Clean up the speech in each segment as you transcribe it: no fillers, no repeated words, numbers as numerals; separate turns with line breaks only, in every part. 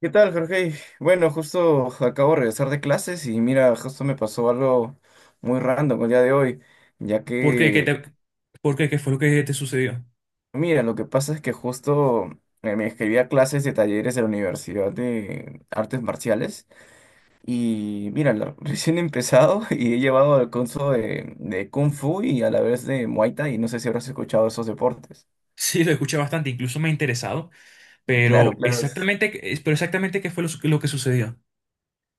¿Qué tal, Jorge? Bueno, justo acabo de regresar de clases y mira, justo me pasó algo muy random el día de hoy, ya
¿Por qué?
que,
¿Qué fue lo que te sucedió?
mira, lo que pasa es que justo me inscribí a clases de talleres de la Universidad de Artes Marciales y mira, recién he empezado y he llevado al curso de Kung Fu y a la vez de Muay Thai y no sé si habrás escuchado esos deportes.
Sí, lo escuché bastante, incluso me ha interesado,
Claro,
pero
claro.
pero exactamente qué fue lo que sucedió.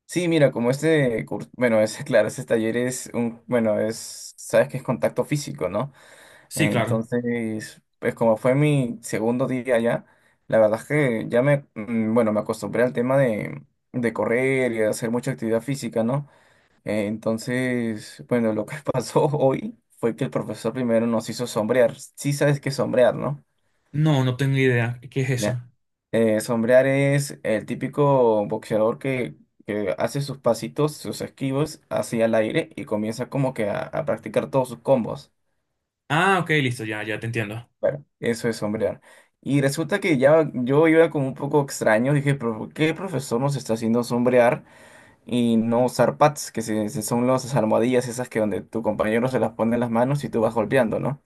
Sí, mira, como este curso, bueno, es claro, ese taller es un, bueno, es, sabes que es contacto físico, ¿no?
Sí, claro.
Entonces, pues como fue mi segundo día allá, la verdad es que ya me, bueno, me acostumbré al tema de correr y de hacer mucha actividad física, ¿no? Entonces, bueno, lo que pasó hoy fue que el profesor primero nos hizo sombrear. Sí sabes qué es sombrear, ¿no?
No, no tengo idea. ¿Qué es eso?
Ya. Sombrear es el típico boxeador que hace sus pasitos, sus esquivos hacia el aire y comienza como que a practicar todos sus combos.
Ah, ok, listo, ya, ya te entiendo.
Claro, eso es sombrear. Y resulta que ya yo iba como un poco extraño, dije, pero ¿por ¿qué el profesor nos está haciendo sombrear y no usar pads, que son las almohadillas esas que donde tu compañero se las pone en las manos y tú vas golpeando, ¿no?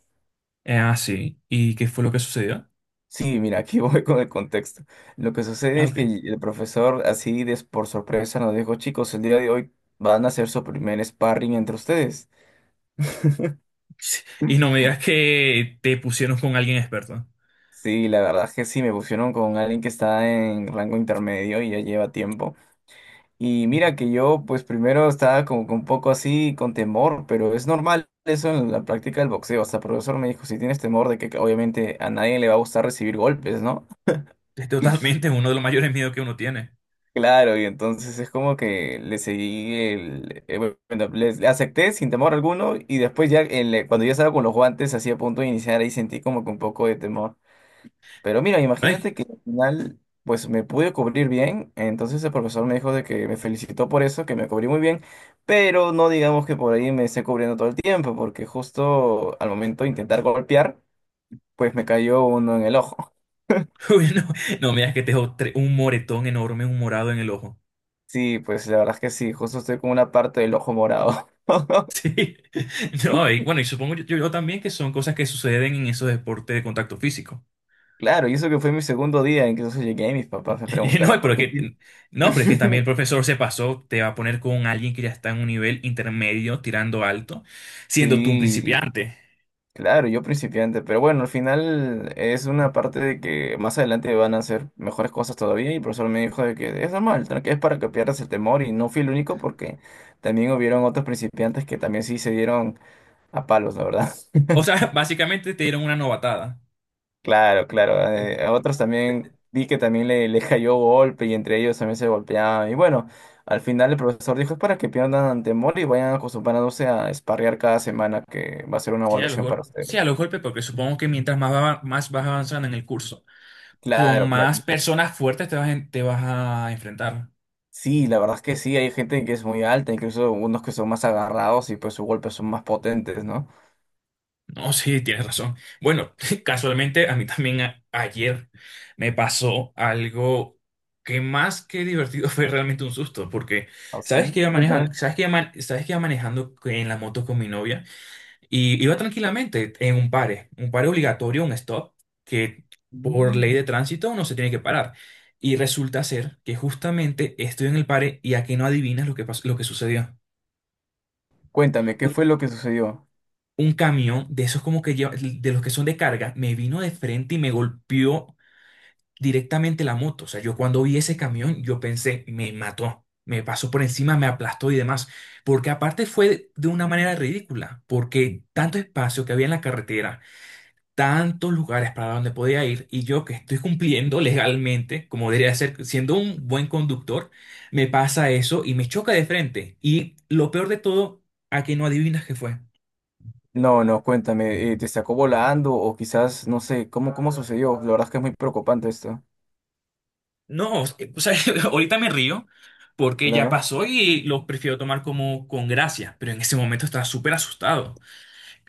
Sí. ¿Y qué fue lo que sucedió?
Sí, mira, aquí voy con el contexto. Lo que sucede
Ah,
es
ok.
que el profesor así de, por sorpresa nos dijo, chicos, el día de hoy van a hacer su primer sparring entre ustedes.
Sí. Y no me digas que te pusieron con alguien experto.
Sí, la verdad es que sí, me pusieron con alguien que está en rango intermedio y ya lleva tiempo. Y mira que yo, pues primero estaba como que un poco así con temor, pero es normal eso en la práctica del boxeo. Hasta el profesor me dijo, si tienes temor de que obviamente a nadie le va a gustar recibir golpes, ¿no?
Es totalmente uno de los mayores miedos que uno tiene.
Claro, y entonces es como que le seguí el, bueno, le acepté sin temor alguno y después ya cuando ya estaba con los guantes así a punto de iniciar ahí sentí como que un poco de temor. Pero mira,
Ay,
imagínate que al final, pues me pude cubrir bien. Entonces el profesor me dijo de que me felicitó por eso, que me cubrí muy bien. Pero no digamos que por ahí me esté cubriendo todo el tiempo, porque justo al momento de intentar golpear, pues me cayó uno en el ojo.
uy, no, no me digas que un moretón enorme, un morado en el ojo.
Sí, pues la verdad es que sí, justo estoy con una parte del ojo morado.
Sí. No, y bueno, y supongo yo, también que son cosas que suceden en esos deportes de contacto físico.
Claro, y eso que fue mi segundo día, incluso llegué y mis papás me
No,
preguntaron
pero
por
es
qué.
que, no, pero es que también el profesor se pasó, te va a poner con alguien que ya está en un nivel intermedio, tirando alto, siendo tú un
Sí,
principiante.
claro, yo principiante, pero bueno, al final es una parte de que más adelante van a hacer mejores cosas todavía y el profesor me dijo de que es normal, que es para que pierdas el temor y no fui el único porque también hubieron otros principiantes que también sí se dieron a palos, la verdad.
O sea, básicamente te dieron una novatada.
Claro, claro,
Este,
a otros también vi que también le cayó golpe y entre ellos también se golpeaban y bueno, al final el profesor dijo es para que pierdan temor y vayan acostumbrándose a sparrear cada semana que va a ser una
sí, a los
evaluación para
golpes. Sí, a
ustedes.
los golpes, porque supongo que más vas avanzando en el curso, con
Claro,
más
claro.
personas fuertes te vas a enfrentar.
Sí, la verdad es que sí, hay gente que es muy alta, incluso unos que son más agarrados y pues sus golpes son más potentes, ¿no?
No, sí, tienes razón. Bueno, casualmente a mí también ayer me pasó algo que más que divertido fue realmente un susto, porque sabes que
¿Así?
iba manejando,
Cuéntame.
sabes que iba manejando en la moto con mi novia y iba tranquilamente en un pare obligatorio, un stop, que por ley
Mm.
de tránsito no se tiene que parar. Y resulta ser que justamente estoy en el pare y a que no adivinas lo que sucedió.
Cuéntame, ¿qué fue lo que sucedió?
Un camión de esos como que lleva, de los que son de carga, me vino de frente y me golpeó directamente la moto. O sea, yo cuando vi ese camión, yo pensé, me mató, me pasó por encima, me aplastó y demás. Porque aparte fue de una manera ridícula, porque tanto espacio que había en la carretera, tantos lugares para donde podía ir, y yo que estoy cumpliendo legalmente, como debería ser, siendo un buen conductor, me pasa eso y me choca de frente. Y lo peor de todo, a que no adivinas qué fue.
No, no, cuéntame, ¿te sacó volando o quizás, no sé, cómo, cómo sucedió? La verdad es que es muy preocupante esto.
No, o sea, ahorita me río porque ya
Claro.
pasó y lo prefiero tomar como con gracia, pero en ese momento estaba súper asustado.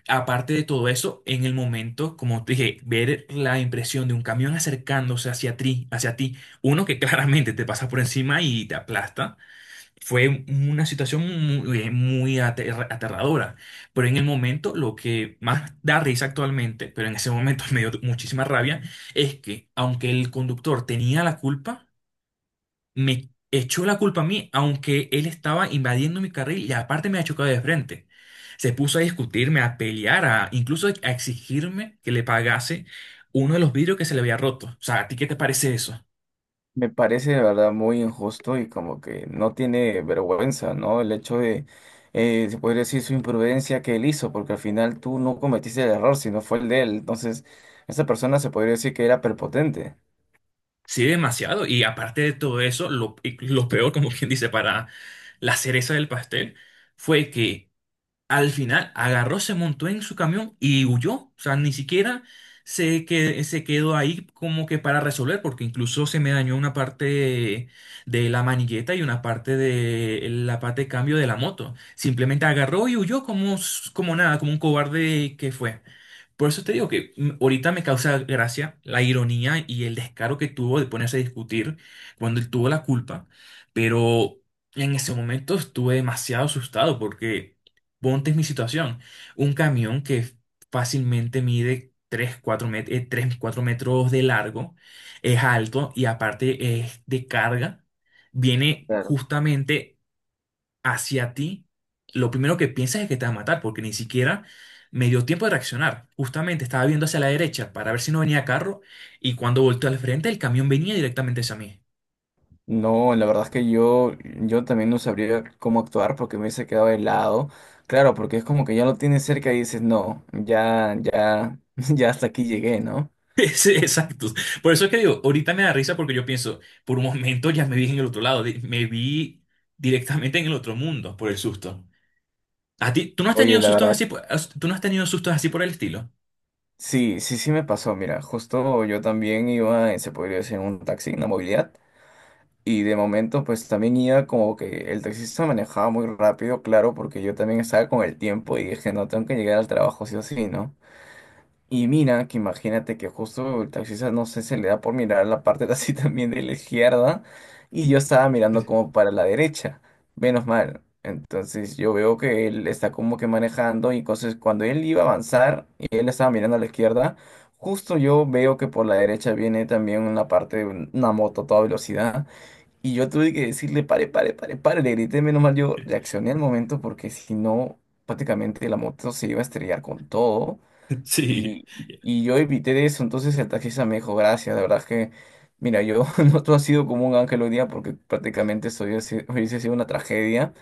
Aparte de todo eso, en el momento, como te dije, ver la impresión de un camión acercándose hacia ti, uno que claramente te pasa por encima y te aplasta, fue una situación muy, muy aterradora. Pero en el momento, lo que más da risa actualmente, pero en ese momento me dio muchísima rabia, es que aunque el conductor tenía la culpa, me echó la culpa a mí, aunque él estaba invadiendo mi carril y aparte me ha chocado de frente. Se puso a discutirme, a pelear, a incluso a exigirme que le pagase uno de los vidrios que se le había roto. O sea, ¿a ti qué te parece eso?
Me parece de verdad muy injusto y como que no tiene vergüenza, ¿no? El hecho de, se podría decir, su imprudencia que él hizo, porque al final tú no cometiste el error, sino fue el de él. Entonces, esa persona se podría decir que era prepotente.
Sí, demasiado. Y aparte de todo eso, y lo peor, como quien dice, para la cereza del pastel, fue que al final agarró, se montó en su camión y huyó. O sea, ni siquiera se quedó ahí como que para resolver, porque incluso se me dañó una parte de la manigueta y una parte de la parte de cambio de la moto. Simplemente agarró y huyó como, como nada, como un cobarde que fue. Por eso te digo que ahorita me causa gracia la ironía y el descaro que tuvo de ponerse a discutir cuando él tuvo la culpa. Pero en ese momento estuve demasiado asustado porque... Ponte en mi situación. Un camión que fácilmente mide 3, 4 metros de largo, es alto y aparte es de carga, viene
Claro.
justamente hacia ti. Lo primero que piensas es que te va a matar porque ni siquiera me dio tiempo de reaccionar. Justamente estaba viendo hacia la derecha para ver si no venía carro y cuando volteó al frente el camión venía directamente hacia mí.
No, la verdad es que yo también no sabría cómo actuar porque me hubiese quedado helado. Claro, porque es como que ya lo tienes cerca y dices, no, ya, ya, ya hasta aquí llegué, ¿no?
Sí, exacto. Por eso es que digo, ahorita me da risa porque yo pienso, por un momento ya me vi en el otro lado, me vi directamente en el otro mundo por el susto. ¿A ti, tú no has
Oye,
tenido
la
sustos
verdad
así, por- as- ¿Tú no has tenido sustos así por el estilo?
sí, sí, sí me pasó. Mira, justo yo también iba, se podría decir, en un taxi, en la movilidad. Y de momento, pues también iba como que el taxista manejaba muy rápido, claro, porque yo también estaba con el tiempo y dije, no, tengo que llegar al trabajo sí o sí, ¿no? Y mira, que imagínate que justo el taxista, no sé, se le da por mirar la parte de así también de la izquierda y yo estaba mirando como para la derecha, menos mal. Entonces yo veo que él está como que manejando y entonces cuando él iba a avanzar y él estaba mirando a la izquierda, justo yo veo que por la derecha viene también una parte de una moto a toda velocidad y yo tuve que decirle, pare, pare, pare, pare, le grité, menos mal yo reaccioné al momento porque si no, prácticamente la moto se iba a estrellar con todo.
Sí,
Y, y yo evité de eso, entonces el taxista me dijo, gracias, de verdad es que, mira, yo no, tú has sido como un ángel hoy día porque prácticamente esto hubiese sido una tragedia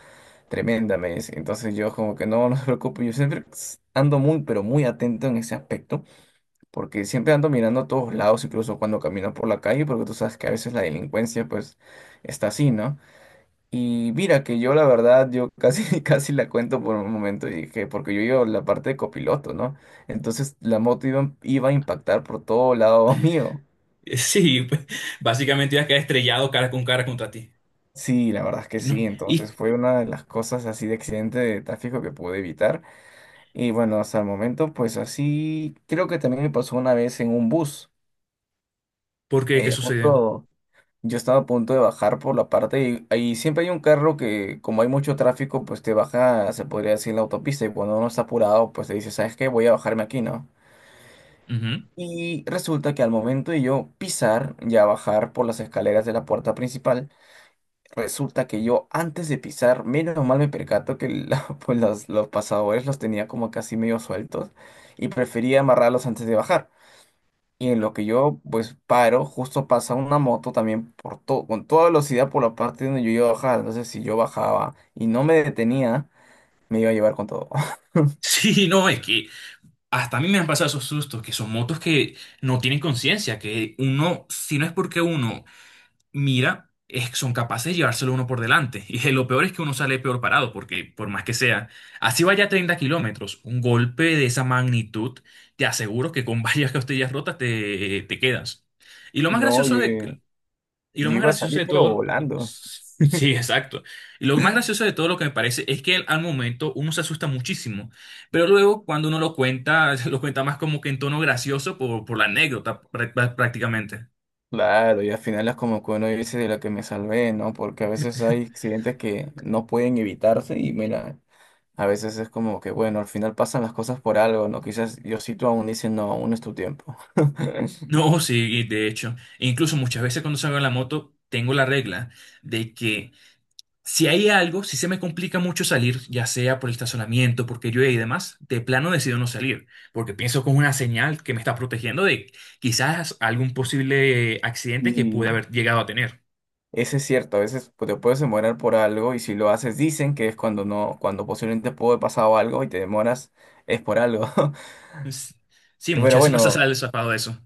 tremenda, me dice. Entonces yo como que no, no se preocupe, yo siempre ando muy, pero muy atento en ese aspecto, porque siempre ando mirando a todos lados, incluso cuando camino por la calle, porque tú sabes que a veces la delincuencia pues está así, ¿no? Y mira que yo la verdad, yo casi, casi la cuento por un momento y dije, porque yo iba en la parte de copiloto, ¿no? Entonces la moto iba, iba a impactar por todo lado mío.
sí, pues, básicamente ya quedé estrellado cara con cara contra ti.
Sí, la verdad es que
Y no,
sí.
¿y
Entonces fue una de las cosas así de accidente de tráfico que pude evitar. Y bueno, hasta el momento, pues así, creo que también me pasó una vez en un bus.
por qué? ¿Qué sucedió?
Justo. Yo estaba a punto de bajar por la parte y ahí siempre hay un carro que, como hay mucho tráfico, pues te baja, se podría decir, la autopista y cuando uno está apurado, pues te dice, ¿sabes qué? Voy a bajarme aquí, ¿no?
Ujú.
Y resulta que al momento de yo pisar, ya bajar por las escaleras de la puerta principal, resulta que yo antes de pisar, menos mal me percato que pues los pasadores los tenía como casi medio sueltos y prefería amarrarlos antes de bajar. Y en lo que yo pues paro, justo pasa una moto también por todo, con toda velocidad por la parte donde yo iba a bajar. Entonces si yo bajaba y no me detenía, me iba a llevar con todo.
Sí, no, es que hasta a mí me han pasado esos sustos, que son motos que no tienen conciencia, que uno, si no es porque uno mira, es son capaces de llevárselo uno por delante. Y lo peor es que uno sale peor parado, porque por más que sea, así vaya a 30 kilómetros, un golpe de esa magnitud, te aseguro que con varias costillas rotas te quedas. Y lo más
No,
gracioso de,
yo,
y lo
yo
más
iba a
gracioso
salir
de
pero
todo,
volando.
sí, exacto. Y lo más gracioso de todo lo que me parece es que al momento uno se asusta muchísimo, pero luego cuando uno lo cuenta, lo cuenta más como que en tono gracioso por la anécdota prácticamente.
Claro, y al final es como que uno dice de la que me salvé, ¿no? Porque a veces hay accidentes que no pueden evitarse y mira, a veces es como que bueno, al final pasan las cosas por algo, ¿no? Quizás Diosito aún dice, no, aún es tu tiempo.
No, sí, de hecho, e incluso muchas veces cuando salgo en la moto, tengo la regla de que si hay algo, si se me complica mucho salir, ya sea por el estacionamiento, porque llueve y demás, de plano decido no salir, porque pienso como una señal que me está protegiendo de quizás algún posible accidente que pude
Y
haber llegado a tener.
eso es cierto, a veces te puedes demorar por algo y si lo haces dicen que es cuando no, cuando posiblemente pudo haber pasado algo y te demoras, es por algo.
Es- sí,
Bueno,
muchas veces no se
bueno,
sale zafado de eso.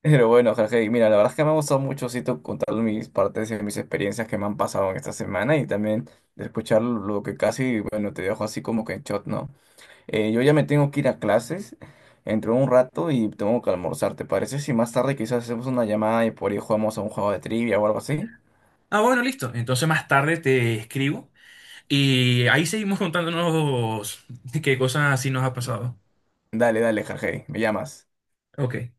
pero bueno, Jorge, y mira, la verdad es que me ha gustado mucho sí, contar mis partes y mis experiencias que me han pasado en esta semana y también de escuchar lo que casi, bueno, te dejo así como que en shot, ¿no? Yo ya me tengo que ir a clases, entro un rato y tengo que almorzar, ¿te parece? Si más tarde quizás hacemos una llamada y por ahí jugamos a un juego de trivia o algo así.
Ah, bueno, listo. Entonces más tarde te escribo y ahí seguimos contándonos qué cosas así nos ha pasado.
Dale, dale, Jorge, me llamas.
Ok.